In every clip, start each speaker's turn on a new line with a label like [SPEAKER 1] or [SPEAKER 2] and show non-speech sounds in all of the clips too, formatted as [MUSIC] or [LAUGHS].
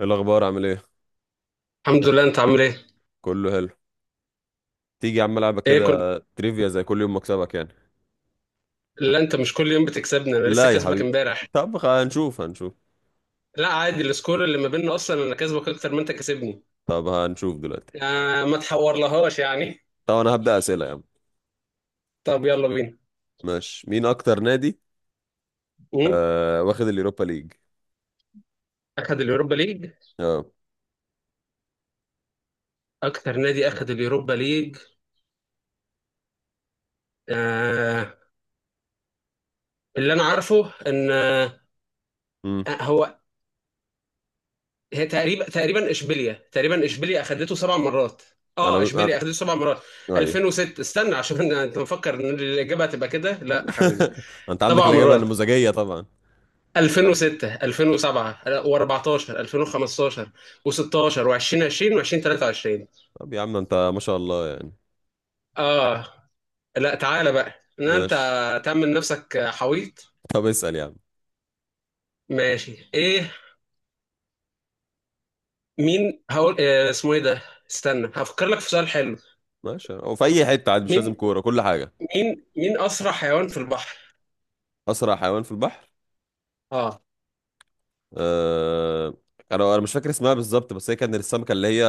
[SPEAKER 1] ايه الاخبار، عامل ايه؟
[SPEAKER 2] الحمد لله، انت عامل ايه؟
[SPEAKER 1] كله حلو. تيجي يا عم العبك
[SPEAKER 2] ايه كل
[SPEAKER 1] كده تريفيا زي كل يوم مكسبك يعني.
[SPEAKER 2] لا انت مش كل يوم بتكسبني، انا لسه
[SPEAKER 1] لا يا
[SPEAKER 2] كسبك
[SPEAKER 1] حبيبي.
[SPEAKER 2] امبارح.
[SPEAKER 1] طب، هنشوف.
[SPEAKER 2] لا عادي، السكور اللي ما بيننا اصلا انا كسبك اكتر ما انت كسبني.
[SPEAKER 1] طب هنشوف دلوقتي.
[SPEAKER 2] آه ما تحورلهاش يعني.
[SPEAKER 1] طب انا هبدأ اسئله يا عم.
[SPEAKER 2] طب يلا بينا.
[SPEAKER 1] ماشي، مين اكتر نادي
[SPEAKER 2] مم؟
[SPEAKER 1] واخد اليوروبا ليج؟
[SPEAKER 2] اخد اليوروبا ليج.
[SPEAKER 1] اه.
[SPEAKER 2] اكتر نادي اخد اليوروبا ليج آه، اللي انا عارفه ان آه
[SPEAKER 1] امم
[SPEAKER 2] هو هي تقريبا اشبيليا، تقريبا اشبيليا اخدته سبع مرات.
[SPEAKER 1] انا
[SPEAKER 2] اه
[SPEAKER 1] انا
[SPEAKER 2] اشبيليا اخدته سبع مرات.
[SPEAKER 1] ايوه.
[SPEAKER 2] 2006 استنى، انت مفكر ان الاجابه هتبقى كده؟ لا يا حبيبي.
[SPEAKER 1] [LAUGHS] انت عندك
[SPEAKER 2] سبع
[SPEAKER 1] الاجابه
[SPEAKER 2] مرات:
[SPEAKER 1] النموذجيه طبعا.
[SPEAKER 2] 2006، 2007، و14، 2015، و16، و2020، و2023.
[SPEAKER 1] طب يا عم، انت ما شاء الله يعني.
[SPEAKER 2] اه لا تعالى بقى ان انت
[SPEAKER 1] ماشي.
[SPEAKER 2] تعمل نفسك حويط.
[SPEAKER 1] طب اسأل يا عم.
[SPEAKER 2] ماشي ايه. مين هقول اسمه ايه ده، استنى هفكر لك في سؤال حلو.
[SPEAKER 1] ماشي، هو في اي حته عادي، مش لازم
[SPEAKER 2] مين
[SPEAKER 1] كوره كل حاجه.
[SPEAKER 2] مين اسرع حيوان في البحر؟
[SPEAKER 1] اسرع حيوان في البحر.
[SPEAKER 2] اه.
[SPEAKER 1] آه، انا مش فاكر اسمها بالظبط، بس هي كان السمكه اللي هي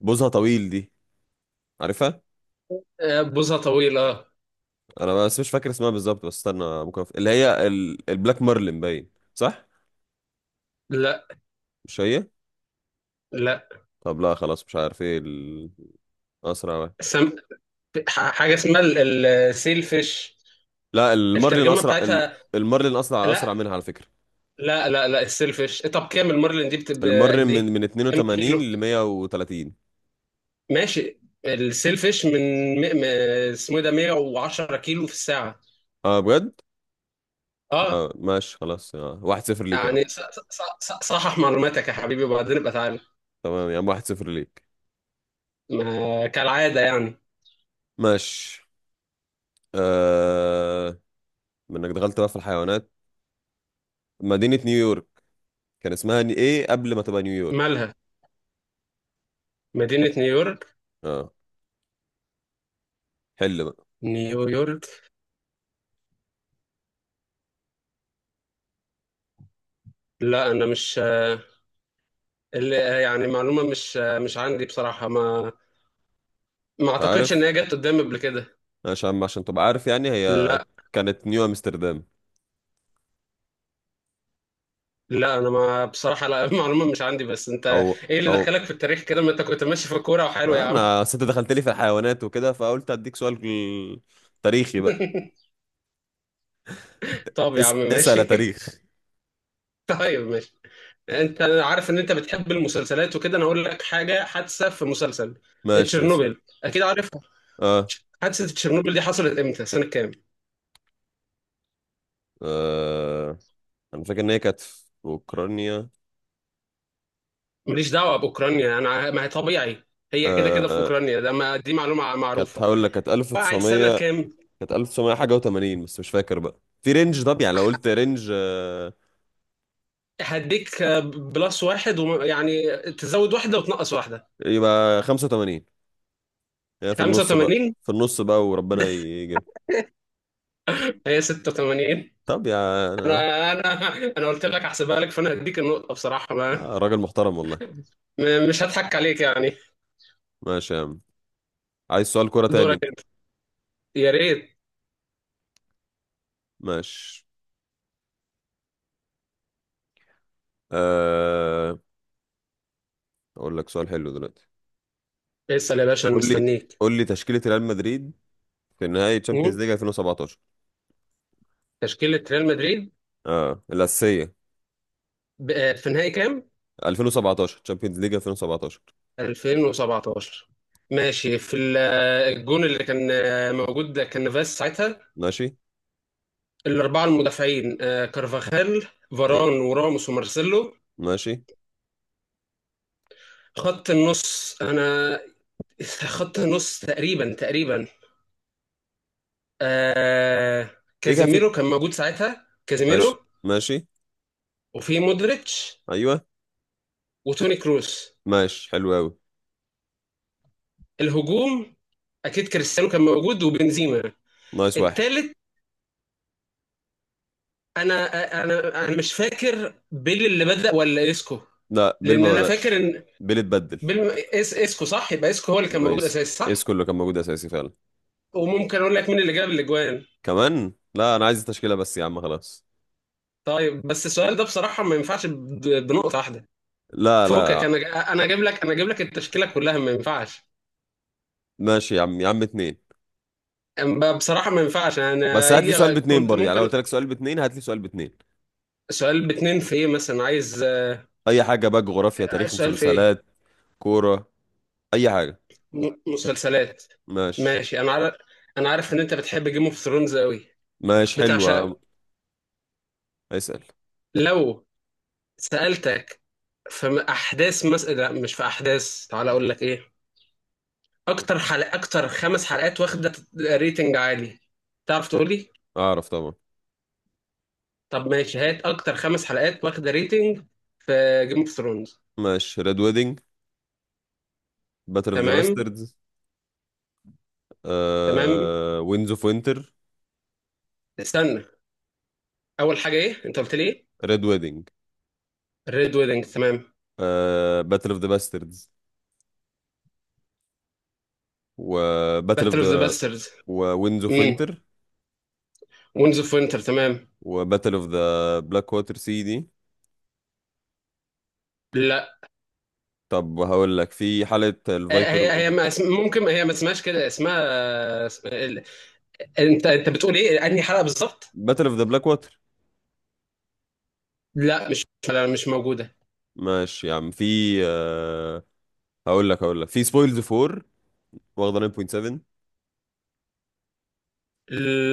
[SPEAKER 1] بوزها طويل دي. عارفها.
[SPEAKER 2] آه، بوزة طويلة.
[SPEAKER 1] انا بس مش فاكر اسمها بالظبط، بس استنى ممكن اللي هي البلاك مارلin، باين صح؟
[SPEAKER 2] لا.
[SPEAKER 1] مش هي.
[SPEAKER 2] لا.
[SPEAKER 1] طب لا، خلاص مش عارف ايه الاسرع واحد.
[SPEAKER 2] سم... حاجة اسمها السيل فيش،
[SPEAKER 1] لا، المارلin
[SPEAKER 2] الترجمة
[SPEAKER 1] اسرع
[SPEAKER 2] بتاعتها.
[SPEAKER 1] المارلين اسرع
[SPEAKER 2] لا
[SPEAKER 1] منها على فكره.
[SPEAKER 2] لا لا، السيلفش. طب كام المارلين دي بتبقى
[SPEAKER 1] المارلin
[SPEAKER 2] قد
[SPEAKER 1] من
[SPEAKER 2] ايه؟
[SPEAKER 1] من
[SPEAKER 2] كام
[SPEAKER 1] 82
[SPEAKER 2] كيلو؟
[SPEAKER 1] ل 130.
[SPEAKER 2] ماشي، السيلفش من م... م... اسمه إيه ده، 110 كيلو في الساعة.
[SPEAKER 1] اه، بجد؟
[SPEAKER 2] اه.
[SPEAKER 1] اه ماشي، خلاص. 1-0 ليك يا عم.
[SPEAKER 2] يعني صحح معلوماتك يا حبيبي، وبعدين ابقى تعالى.
[SPEAKER 1] تمام يا عم، 1-0 ليك.
[SPEAKER 2] ما كالعادة يعني.
[SPEAKER 1] ماشي. آه... منك دخلت بقى في الحيوانات. مدينة نيويورك كان اسمها ايه قبل ما تبقى نيويورك؟
[SPEAKER 2] مالها مدينة نيويورك؟
[SPEAKER 1] اه، حل بقى.
[SPEAKER 2] نيويورك؟ لا انا مش اللي يعني معلومة مش مش عندي بصراحة ما، ما
[SPEAKER 1] مش
[SPEAKER 2] اعتقدش ان
[SPEAKER 1] عارف؟
[SPEAKER 2] هي جت قدامي قبل كده.
[SPEAKER 1] عشان تبقى عارف يعني، هي
[SPEAKER 2] لا
[SPEAKER 1] كانت نيو امستردام.
[SPEAKER 2] لا انا ما بصراحه لا. [LAUGHS] المعلومه مش عندي. بس
[SPEAKER 1] او
[SPEAKER 2] انت ايه اللي
[SPEAKER 1] او
[SPEAKER 2] دخلك في التاريخ كده؟ ما انت كنت ماشي في الكوره وحلو يا عم.
[SPEAKER 1] انا ست دخلت لي في الحيوانات وكده، فقلت اديك سؤال تاريخي بقى.
[SPEAKER 2] [LAUGHS] طب يا عم
[SPEAKER 1] اسأل يا
[SPEAKER 2] ماشي.
[SPEAKER 1] تاريخ.
[SPEAKER 2] [LAUGHS] طيب ماشي. انت أنا عارف ان انت بتحب المسلسلات وكده، انا هقول لك حاجه حادثه في مسلسل.
[SPEAKER 1] ماشي، اسأل.
[SPEAKER 2] تشيرنوبل اكيد عارفها.
[SPEAKER 1] اه.
[SPEAKER 2] حادثه تشيرنوبل دي حصلت امتى، سنه كام؟
[SPEAKER 1] آه. انا فاكر ان هي كانت في اوكرانيا.
[SPEAKER 2] ماليش دعوه باوكرانيا، ما هي طبيعي هي كده
[SPEAKER 1] آه.
[SPEAKER 2] كده في
[SPEAKER 1] آه،
[SPEAKER 2] اوكرانيا، ده ما دي معلومه
[SPEAKER 1] كانت
[SPEAKER 2] معروفه.
[SPEAKER 1] هقول لك كانت
[SPEAKER 2] وقعت سنه
[SPEAKER 1] 1900.
[SPEAKER 2] كام؟
[SPEAKER 1] كانت 1900 حاجة و80، بس مش فاكر بقى في رينج. طب يعني لو قلت رينج،
[SPEAKER 2] هديك بلس واحد يعني تزود واحده وتنقص واحده.
[SPEAKER 1] يبقى 85. هي في النص بقى،
[SPEAKER 2] 85؟
[SPEAKER 1] في النص بقى، وربنا يجيب.
[SPEAKER 2] هي 86.
[SPEAKER 1] طب يا، انا.
[SPEAKER 2] انا انا انا قلت لك احسبها لك، فانا هديك النقطه بصراحه. ما
[SPEAKER 1] راجل محترم والله.
[SPEAKER 2] مش هضحك عليك يعني.
[SPEAKER 1] ماشي يا عم، عايز سؤال كرة تاني
[SPEAKER 2] دورك
[SPEAKER 1] انت؟
[SPEAKER 2] أنت. يا ريت.
[SPEAKER 1] ماشي. أه... اقول لك سؤال حلو دلوقتي.
[SPEAKER 2] اسال يا باشا انا
[SPEAKER 1] قول لي،
[SPEAKER 2] مستنيك.
[SPEAKER 1] تشكيلة ريال مدريد في نهائي تشامبيونز
[SPEAKER 2] مم.
[SPEAKER 1] ليج 2017.
[SPEAKER 2] تشكيله ريال مدريد،
[SPEAKER 1] اه، الأساسية.
[SPEAKER 2] في نهائي كام؟
[SPEAKER 1] 2017، تشامبيونز ليج 2017.
[SPEAKER 2] 2017. ماشي، في الجون اللي كان موجود ده كان فاس ساعتها.
[SPEAKER 1] ماشي،
[SPEAKER 2] الاربعه المدافعين: كارفاخال،
[SPEAKER 1] ايوه.
[SPEAKER 2] فاران، وراموس، ومارسيلو.
[SPEAKER 1] ماشي،
[SPEAKER 2] خط النص انا [LAUGHS] خط النص تقريبا آه،
[SPEAKER 1] كيكا في.
[SPEAKER 2] كازيميرو كان موجود ساعتها،
[SPEAKER 1] ماشي.
[SPEAKER 2] كازيميرو.
[SPEAKER 1] ماشي،
[SPEAKER 2] وفي مودريتش
[SPEAKER 1] ايوه.
[SPEAKER 2] وتوني كروس.
[SPEAKER 1] ماشي، حلو قوي.
[SPEAKER 2] الهجوم، اكيد كريستيانو كان موجود وبنزيما.
[SPEAKER 1] نايس، واحد.
[SPEAKER 2] التالت انا انا مش فاكر بيل اللي بدأ ولا اسكو.
[SPEAKER 1] لا، بيل
[SPEAKER 2] لان
[SPEAKER 1] ما
[SPEAKER 2] انا فاكر
[SPEAKER 1] بدأش.
[SPEAKER 2] ان
[SPEAKER 1] بيل اتبدل.
[SPEAKER 2] بيل اسكو، صح؟ يبقى اسكو هو اللي كان
[SPEAKER 1] يبقى
[SPEAKER 2] موجود
[SPEAKER 1] يس.
[SPEAKER 2] اساسي
[SPEAKER 1] يس،
[SPEAKER 2] صح.
[SPEAKER 1] كله كان موجود اساسي فعلا.
[SPEAKER 2] وممكن اقول لك مين اللي جاب الاجوان.
[SPEAKER 1] كمان؟ لا، انا عايز التشكيله بس يا عم، خلاص.
[SPEAKER 2] طيب بس السؤال ده بصراحة ما ينفعش بنقطة واحدة.
[SPEAKER 1] لا،
[SPEAKER 2] فوقك،
[SPEAKER 1] لا.
[SPEAKER 2] انا اجيب لك، انا اجيب لك التشكيلة كلها، ما ينفعش.
[SPEAKER 1] ماشي يا عم، يا عم، اتنين.
[SPEAKER 2] بصراحة ما ينفعش، انا
[SPEAKER 1] بس هات لي سؤال
[SPEAKER 2] هي
[SPEAKER 1] باتنين
[SPEAKER 2] كنت
[SPEAKER 1] برضه، يعني لو
[SPEAKER 2] ممكن.
[SPEAKER 1] قلت لك سؤال باتنين هات لي سؤال باتنين.
[SPEAKER 2] سؤال باتنين في ايه مثلا عايز؟
[SPEAKER 1] اي حاجه بقى، جغرافيا، تاريخ،
[SPEAKER 2] السؤال في ايه؟
[SPEAKER 1] مسلسلات، كوره، اي حاجه.
[SPEAKER 2] مسلسلات.
[SPEAKER 1] ماشي.
[SPEAKER 2] ماشي، انا عارف. انا عارف ان انت بتحب جيم اوف ثرونز قوي،
[SPEAKER 1] ماشي،
[SPEAKER 2] بتعشقه.
[SPEAKER 1] حلوه. اسال.
[SPEAKER 2] لو سألتك في لا مش في احداث، تعالى اقول لك ايه. اكتر خمس حلقات واخدة ريتنج عالي، تعرف تقول لي؟
[SPEAKER 1] اعرف طبعا.
[SPEAKER 2] طب ماشي، هات اكتر خمس حلقات واخدة ريتنج في جيم اوف ثرونز.
[SPEAKER 1] ماشي، ريد ويدنج، باتل اوف ذا
[SPEAKER 2] تمام.
[SPEAKER 1] باستردز،
[SPEAKER 2] تمام.
[SPEAKER 1] وينز اوف وينتر.
[SPEAKER 2] استنى، اول حاجة ايه، انت قلت لي ايه؟
[SPEAKER 1] ريد ويدنج.
[SPEAKER 2] ريد ويدنج، تمام.
[SPEAKER 1] باتل اوف ذا باستردز. وباتل اوف
[SPEAKER 2] باتل اوف ذا
[SPEAKER 1] ذا
[SPEAKER 2] باسترز.
[SPEAKER 1] وينز اوف
[SPEAKER 2] امم،
[SPEAKER 1] وينتر
[SPEAKER 2] وينز اوف وينتر تمام.
[SPEAKER 1] وباتل اوف ذا بلاك ووتر سي دي.
[SPEAKER 2] لا.
[SPEAKER 1] طب هقول لك في حالة
[SPEAKER 2] آه،
[SPEAKER 1] الفايبر،
[SPEAKER 2] هي هي ما اسم- ممكن هي ما اسمهاش كده، انت انت بتقول ايه، انهي حلقه بالظبط؟
[SPEAKER 1] باتل اوف ذا بلاك واتر.
[SPEAKER 2] لا مش، لا مش موجوده.
[SPEAKER 1] ماشي يا عم، في آه، هقول لك في سبويلز 4 واخدة 9.7.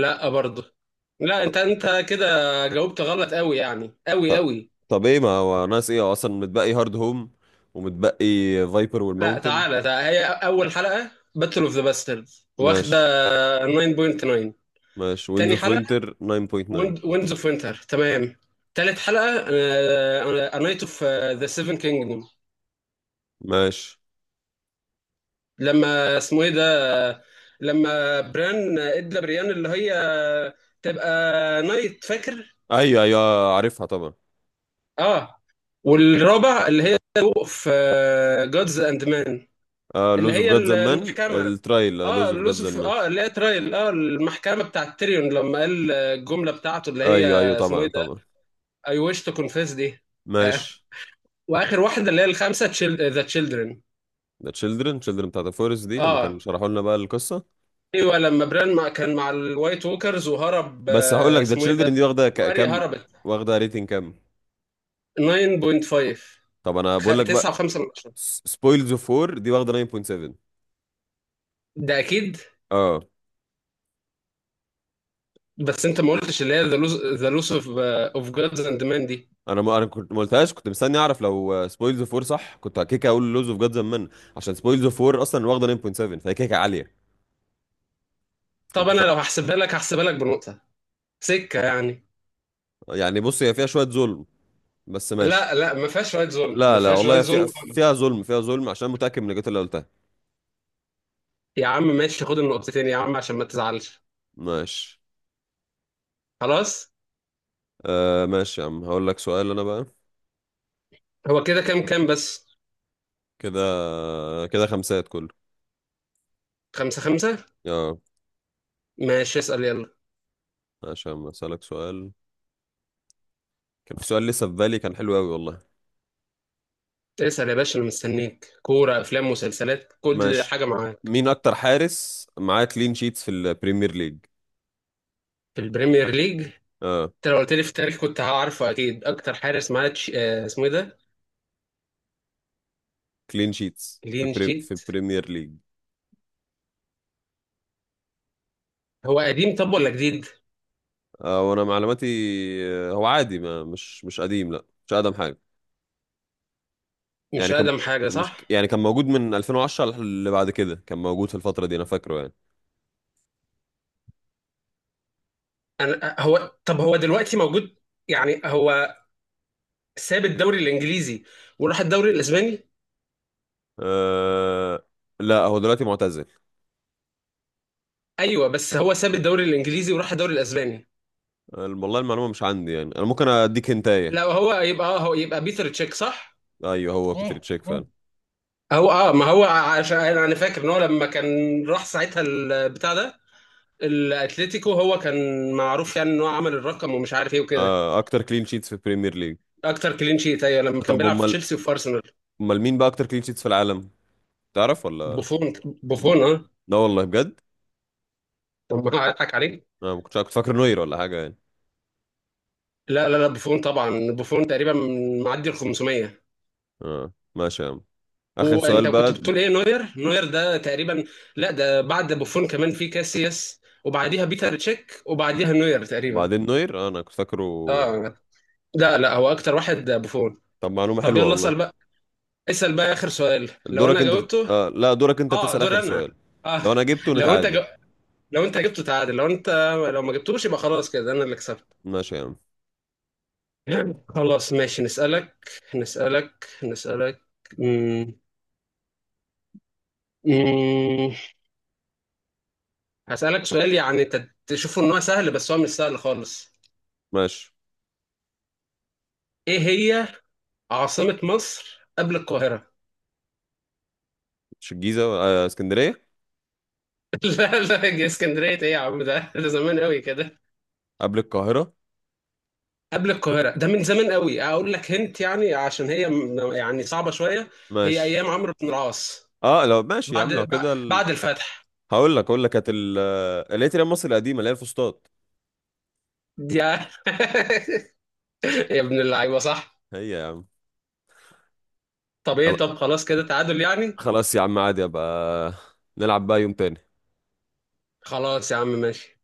[SPEAKER 2] لا برضه. لا
[SPEAKER 1] طب
[SPEAKER 2] انت انت كده جاوبت غلط قوي يعني، قوي
[SPEAKER 1] طب
[SPEAKER 2] قوي.
[SPEAKER 1] طب ايه ما هو ناقص ايه، هو اصلا متبقي هارد هوم، ومتبقي فايبر
[SPEAKER 2] لا
[SPEAKER 1] والماونتن.
[SPEAKER 2] تعالى، ده هي اول حلقه باتل اوف ذا باسترز، واخده
[SPEAKER 1] ماشي.
[SPEAKER 2] 9.9.
[SPEAKER 1] ماشي، وينز
[SPEAKER 2] تاني
[SPEAKER 1] اوف
[SPEAKER 2] حلقه
[SPEAKER 1] وينتر 9.9.
[SPEAKER 2] ويندز اوف وينتر، تمام. تالت حلقه نايت اوف ذا سيفن كينجدوم،
[SPEAKER 1] ماشي.
[SPEAKER 2] لما اسمه ايه، لما بران ادى بريان اللي هي تبقى نايت، فاكر؟
[SPEAKER 1] ايوه، ايوه، عارفها طبعا.
[SPEAKER 2] اه. والرابع اللي هي في جادز اند مان، اللي
[SPEAKER 1] لوز اوف
[SPEAKER 2] هي
[SPEAKER 1] جاد زمان،
[SPEAKER 2] المحكمة.
[SPEAKER 1] الترايل، لوز
[SPEAKER 2] اه
[SPEAKER 1] اوف جاد
[SPEAKER 2] لوسف،
[SPEAKER 1] زمان.
[SPEAKER 2] اه، اللي هي ترايل، اه، المحكمة بتاعت تيريون لما قال الجملة بتاعته اللي هي
[SPEAKER 1] ايوه، ايوه،
[SPEAKER 2] اسمه
[SPEAKER 1] طبعا،
[SPEAKER 2] ايه ده،
[SPEAKER 1] طبعا.
[SPEAKER 2] I wish to confess دي. آه.
[SPEAKER 1] ماشي.
[SPEAKER 2] واخر واحدة اللي هي الخامسة، ذا تشيلدرن.
[SPEAKER 1] ده تشيلدرن، تشيلدرن بتاعت الفورست دي لما
[SPEAKER 2] اه،
[SPEAKER 1] كانوا شرحوا لنا بقى القصة.
[SPEAKER 2] ايوه، لما بران مع كان مع الوايت ووكرز وهرب،
[SPEAKER 1] بس هقول لك ذا
[SPEAKER 2] اسمه ايه
[SPEAKER 1] تشيلدرن
[SPEAKER 2] ده،
[SPEAKER 1] دي واخده
[SPEAKER 2] واريا
[SPEAKER 1] كام،
[SPEAKER 2] هربت.
[SPEAKER 1] واخده ريتنج كام؟
[SPEAKER 2] 9.5.
[SPEAKER 1] طب انا بقول لك بقى،
[SPEAKER 2] تسعة وخمسة من عشرة.
[SPEAKER 1] سبويلز اوف 4 دي واخده 9.7.
[SPEAKER 2] ده أكيد.
[SPEAKER 1] اه،
[SPEAKER 2] بس أنت ما قلتش اللي هي ذا لوس أوف أوف جادز أند مان دي.
[SPEAKER 1] انا ما كنت ما قلتهاش، كنت مستني اعرف لو سبويلز اوف 4 صح كنت كيكه اقول لوز اوف جاد زمان. عشان سبويلز اوف 4 اصلا واخده 9.7، فهي كيكه عاليه.
[SPEAKER 2] طب
[SPEAKER 1] انت ف...
[SPEAKER 2] أنا لو هحسبها لك هحسبها لك بنقطة، سكة يعني.
[SPEAKER 1] يعني بص، هي فيها شويه ظلم، بس
[SPEAKER 2] لا
[SPEAKER 1] ماشي.
[SPEAKER 2] لا، ما فيهاش رايت زون، ما
[SPEAKER 1] لا، لا،
[SPEAKER 2] فيهاش رايت
[SPEAKER 1] والله
[SPEAKER 2] زون
[SPEAKER 1] فيها
[SPEAKER 2] خالص.
[SPEAKER 1] ظلم، فيها ظلم، عشان متاكد من الإجابات اللي قلتها.
[SPEAKER 2] يا عم ماشي، خد النقطتين يا عم عشان ما تزعلش.
[SPEAKER 1] ماشي.
[SPEAKER 2] خلاص.
[SPEAKER 1] ماشي يا عم، هقول لك سؤال انا بقى.
[SPEAKER 2] هو كده كام، كام بس؟
[SPEAKER 1] كده. كده خمسات كله.
[SPEAKER 2] خمسة.
[SPEAKER 1] اه،
[SPEAKER 2] ماشي، اسأل يلا.
[SPEAKER 1] عشان اسالك سؤال كان في سؤال لسه في بالي كان حلو قوي والله.
[SPEAKER 2] اسأل يا باشا أنا مستنيك، كورة أفلام مسلسلات كل
[SPEAKER 1] ماشي.
[SPEAKER 2] حاجة معاك.
[SPEAKER 1] مين اكتر حارس معاه كلين شيتس في البريمير ليج؟
[SPEAKER 2] في البريمير ليج؟
[SPEAKER 1] اه،
[SPEAKER 2] أنت لو قلت لي في التاريخ كنت هعرفه أكيد. أكتر حارس معاه اسمه إيه ده؟
[SPEAKER 1] كلين شيتس
[SPEAKER 2] لين
[SPEAKER 1] في
[SPEAKER 2] شيت.
[SPEAKER 1] البريمير ليج.
[SPEAKER 2] هو قديم طب ولا جديد؟
[SPEAKER 1] وانا معلوماتي. هو عادي، ما مش قديم، لا، مش اقدم حاجه.
[SPEAKER 2] مش
[SPEAKER 1] يعني كان،
[SPEAKER 2] اقدم حاجه،
[SPEAKER 1] مش
[SPEAKER 2] صح؟
[SPEAKER 1] يعني، كان موجود من 2010 اللي بعد كده، كان موجود في الفتره دي انا فاكره يعني.
[SPEAKER 2] انا هو، طب هو دلوقتي موجود؟ يعني هو ساب الدوري الانجليزي وراح الدوري الاسباني؟
[SPEAKER 1] آه لا، هو دلوقتي معتزل.
[SPEAKER 2] ايوه بس هو ساب الدوري الانجليزي وراح الدوري الاسباني.
[SPEAKER 1] والله المعلومه مش عندي يعني، انا ممكن اديك هنتايه.
[SPEAKER 2] لا هو يبقى اه، هو يبقى بيتر تشيك، صح؟
[SPEAKER 1] ايوه، هو بيتر تشيك فعلا.
[SPEAKER 2] هو اه، ما هو عشان انا أنا فاكر ان هو لما كان راح ساعتها البتاع ده الاتليتيكو، هو كان معروف يعني ان هو عمل الرقم ومش عارف ايه وكده.
[SPEAKER 1] اكتر كلين شيتس في البريمير ليج.
[SPEAKER 2] اكتر كلين شيت ايوه لما كان
[SPEAKER 1] طب
[SPEAKER 2] بيلعب في
[SPEAKER 1] امال،
[SPEAKER 2] تشيلسي وفي ارسنال.
[SPEAKER 1] مين بقى اكتر كلين شيتس في العالم؟ تعرف ولا؟
[SPEAKER 2] بوفون. بوفون، اه.
[SPEAKER 1] لا والله، بجد؟
[SPEAKER 2] طب ما اضحك عليك.
[SPEAKER 1] انا ما كنتش، كنت فاكر نوير ولا حاجه يعني.
[SPEAKER 2] لا، بوفون طبعا. بوفون تقريبا معدي ال 500.
[SPEAKER 1] اه ماشي يا عم، اخر سؤال
[SPEAKER 2] وانت كنت
[SPEAKER 1] بقى.
[SPEAKER 2] بتقول ايه، نوير؟ نوير ده تقريبا لا، ده بعد بوفون كمان في كاسياس، وبعديها بيتر تشيك، وبعديها نوير تقريبا.
[SPEAKER 1] وبعدين نوير. انا كنت فاكره.
[SPEAKER 2] اه. لا لا، هو اكتر واحد بوفون.
[SPEAKER 1] طب، معلومه
[SPEAKER 2] طب
[SPEAKER 1] حلوه
[SPEAKER 2] يلا
[SPEAKER 1] والله.
[SPEAKER 2] اسال بقى. اسال بقى اخر سؤال، لو
[SPEAKER 1] دورك
[SPEAKER 2] انا
[SPEAKER 1] انت
[SPEAKER 2] جاوبته
[SPEAKER 1] لا، دورك انت
[SPEAKER 2] اه
[SPEAKER 1] تسال اخر
[SPEAKER 2] دور
[SPEAKER 1] سؤال.
[SPEAKER 2] انا. اه.
[SPEAKER 1] لو انا جبته
[SPEAKER 2] لو انت
[SPEAKER 1] نتعادل.
[SPEAKER 2] لو انت جبته تعادل، لو انت لو ما جبتوش يبقى خلاص كده انا اللي كسبت.
[SPEAKER 1] ماشي يا عم.
[SPEAKER 2] خلاص ماشي نسالك، نسالك. مم. مم. هسألك سؤال يعني انت تشوفه ان هو سهل، بس هو مش سهل خالص.
[SPEAKER 1] ماشي،
[SPEAKER 2] ايه هي عاصمة مصر قبل القاهرة؟
[SPEAKER 1] مش الجيزه، اسكندريه؟
[SPEAKER 2] [LAUGHS] لا لا، يا اسكندرية ايه يا عم، ده ده زمان قوي كده.
[SPEAKER 1] قبل القاهره.
[SPEAKER 2] قبل القاهرة ده من زمان قوي، اقول لك هنت يعني عشان هي يعني صعبة شوية. هي ايام
[SPEAKER 1] ماشي.
[SPEAKER 2] عمرو بن العاص،
[SPEAKER 1] اه، لو ماشي يا
[SPEAKER 2] بعد
[SPEAKER 1] عم لو كده
[SPEAKER 2] بعد الفتح.
[SPEAKER 1] هقول لك كانت اللي هي تيران مصر القديمه، اللي هي الفسطاط.
[SPEAKER 2] يا [LAUGHS] يا ابن اللعيبة، صح.
[SPEAKER 1] هي، يا
[SPEAKER 2] طب
[SPEAKER 1] عم.
[SPEAKER 2] ايه، طب خلاص كده تعادل يعني.
[SPEAKER 1] خلاص يا عم، عادي، ابقى نلعب بقى يوم تاني.
[SPEAKER 2] خلاص يا عم ماشي.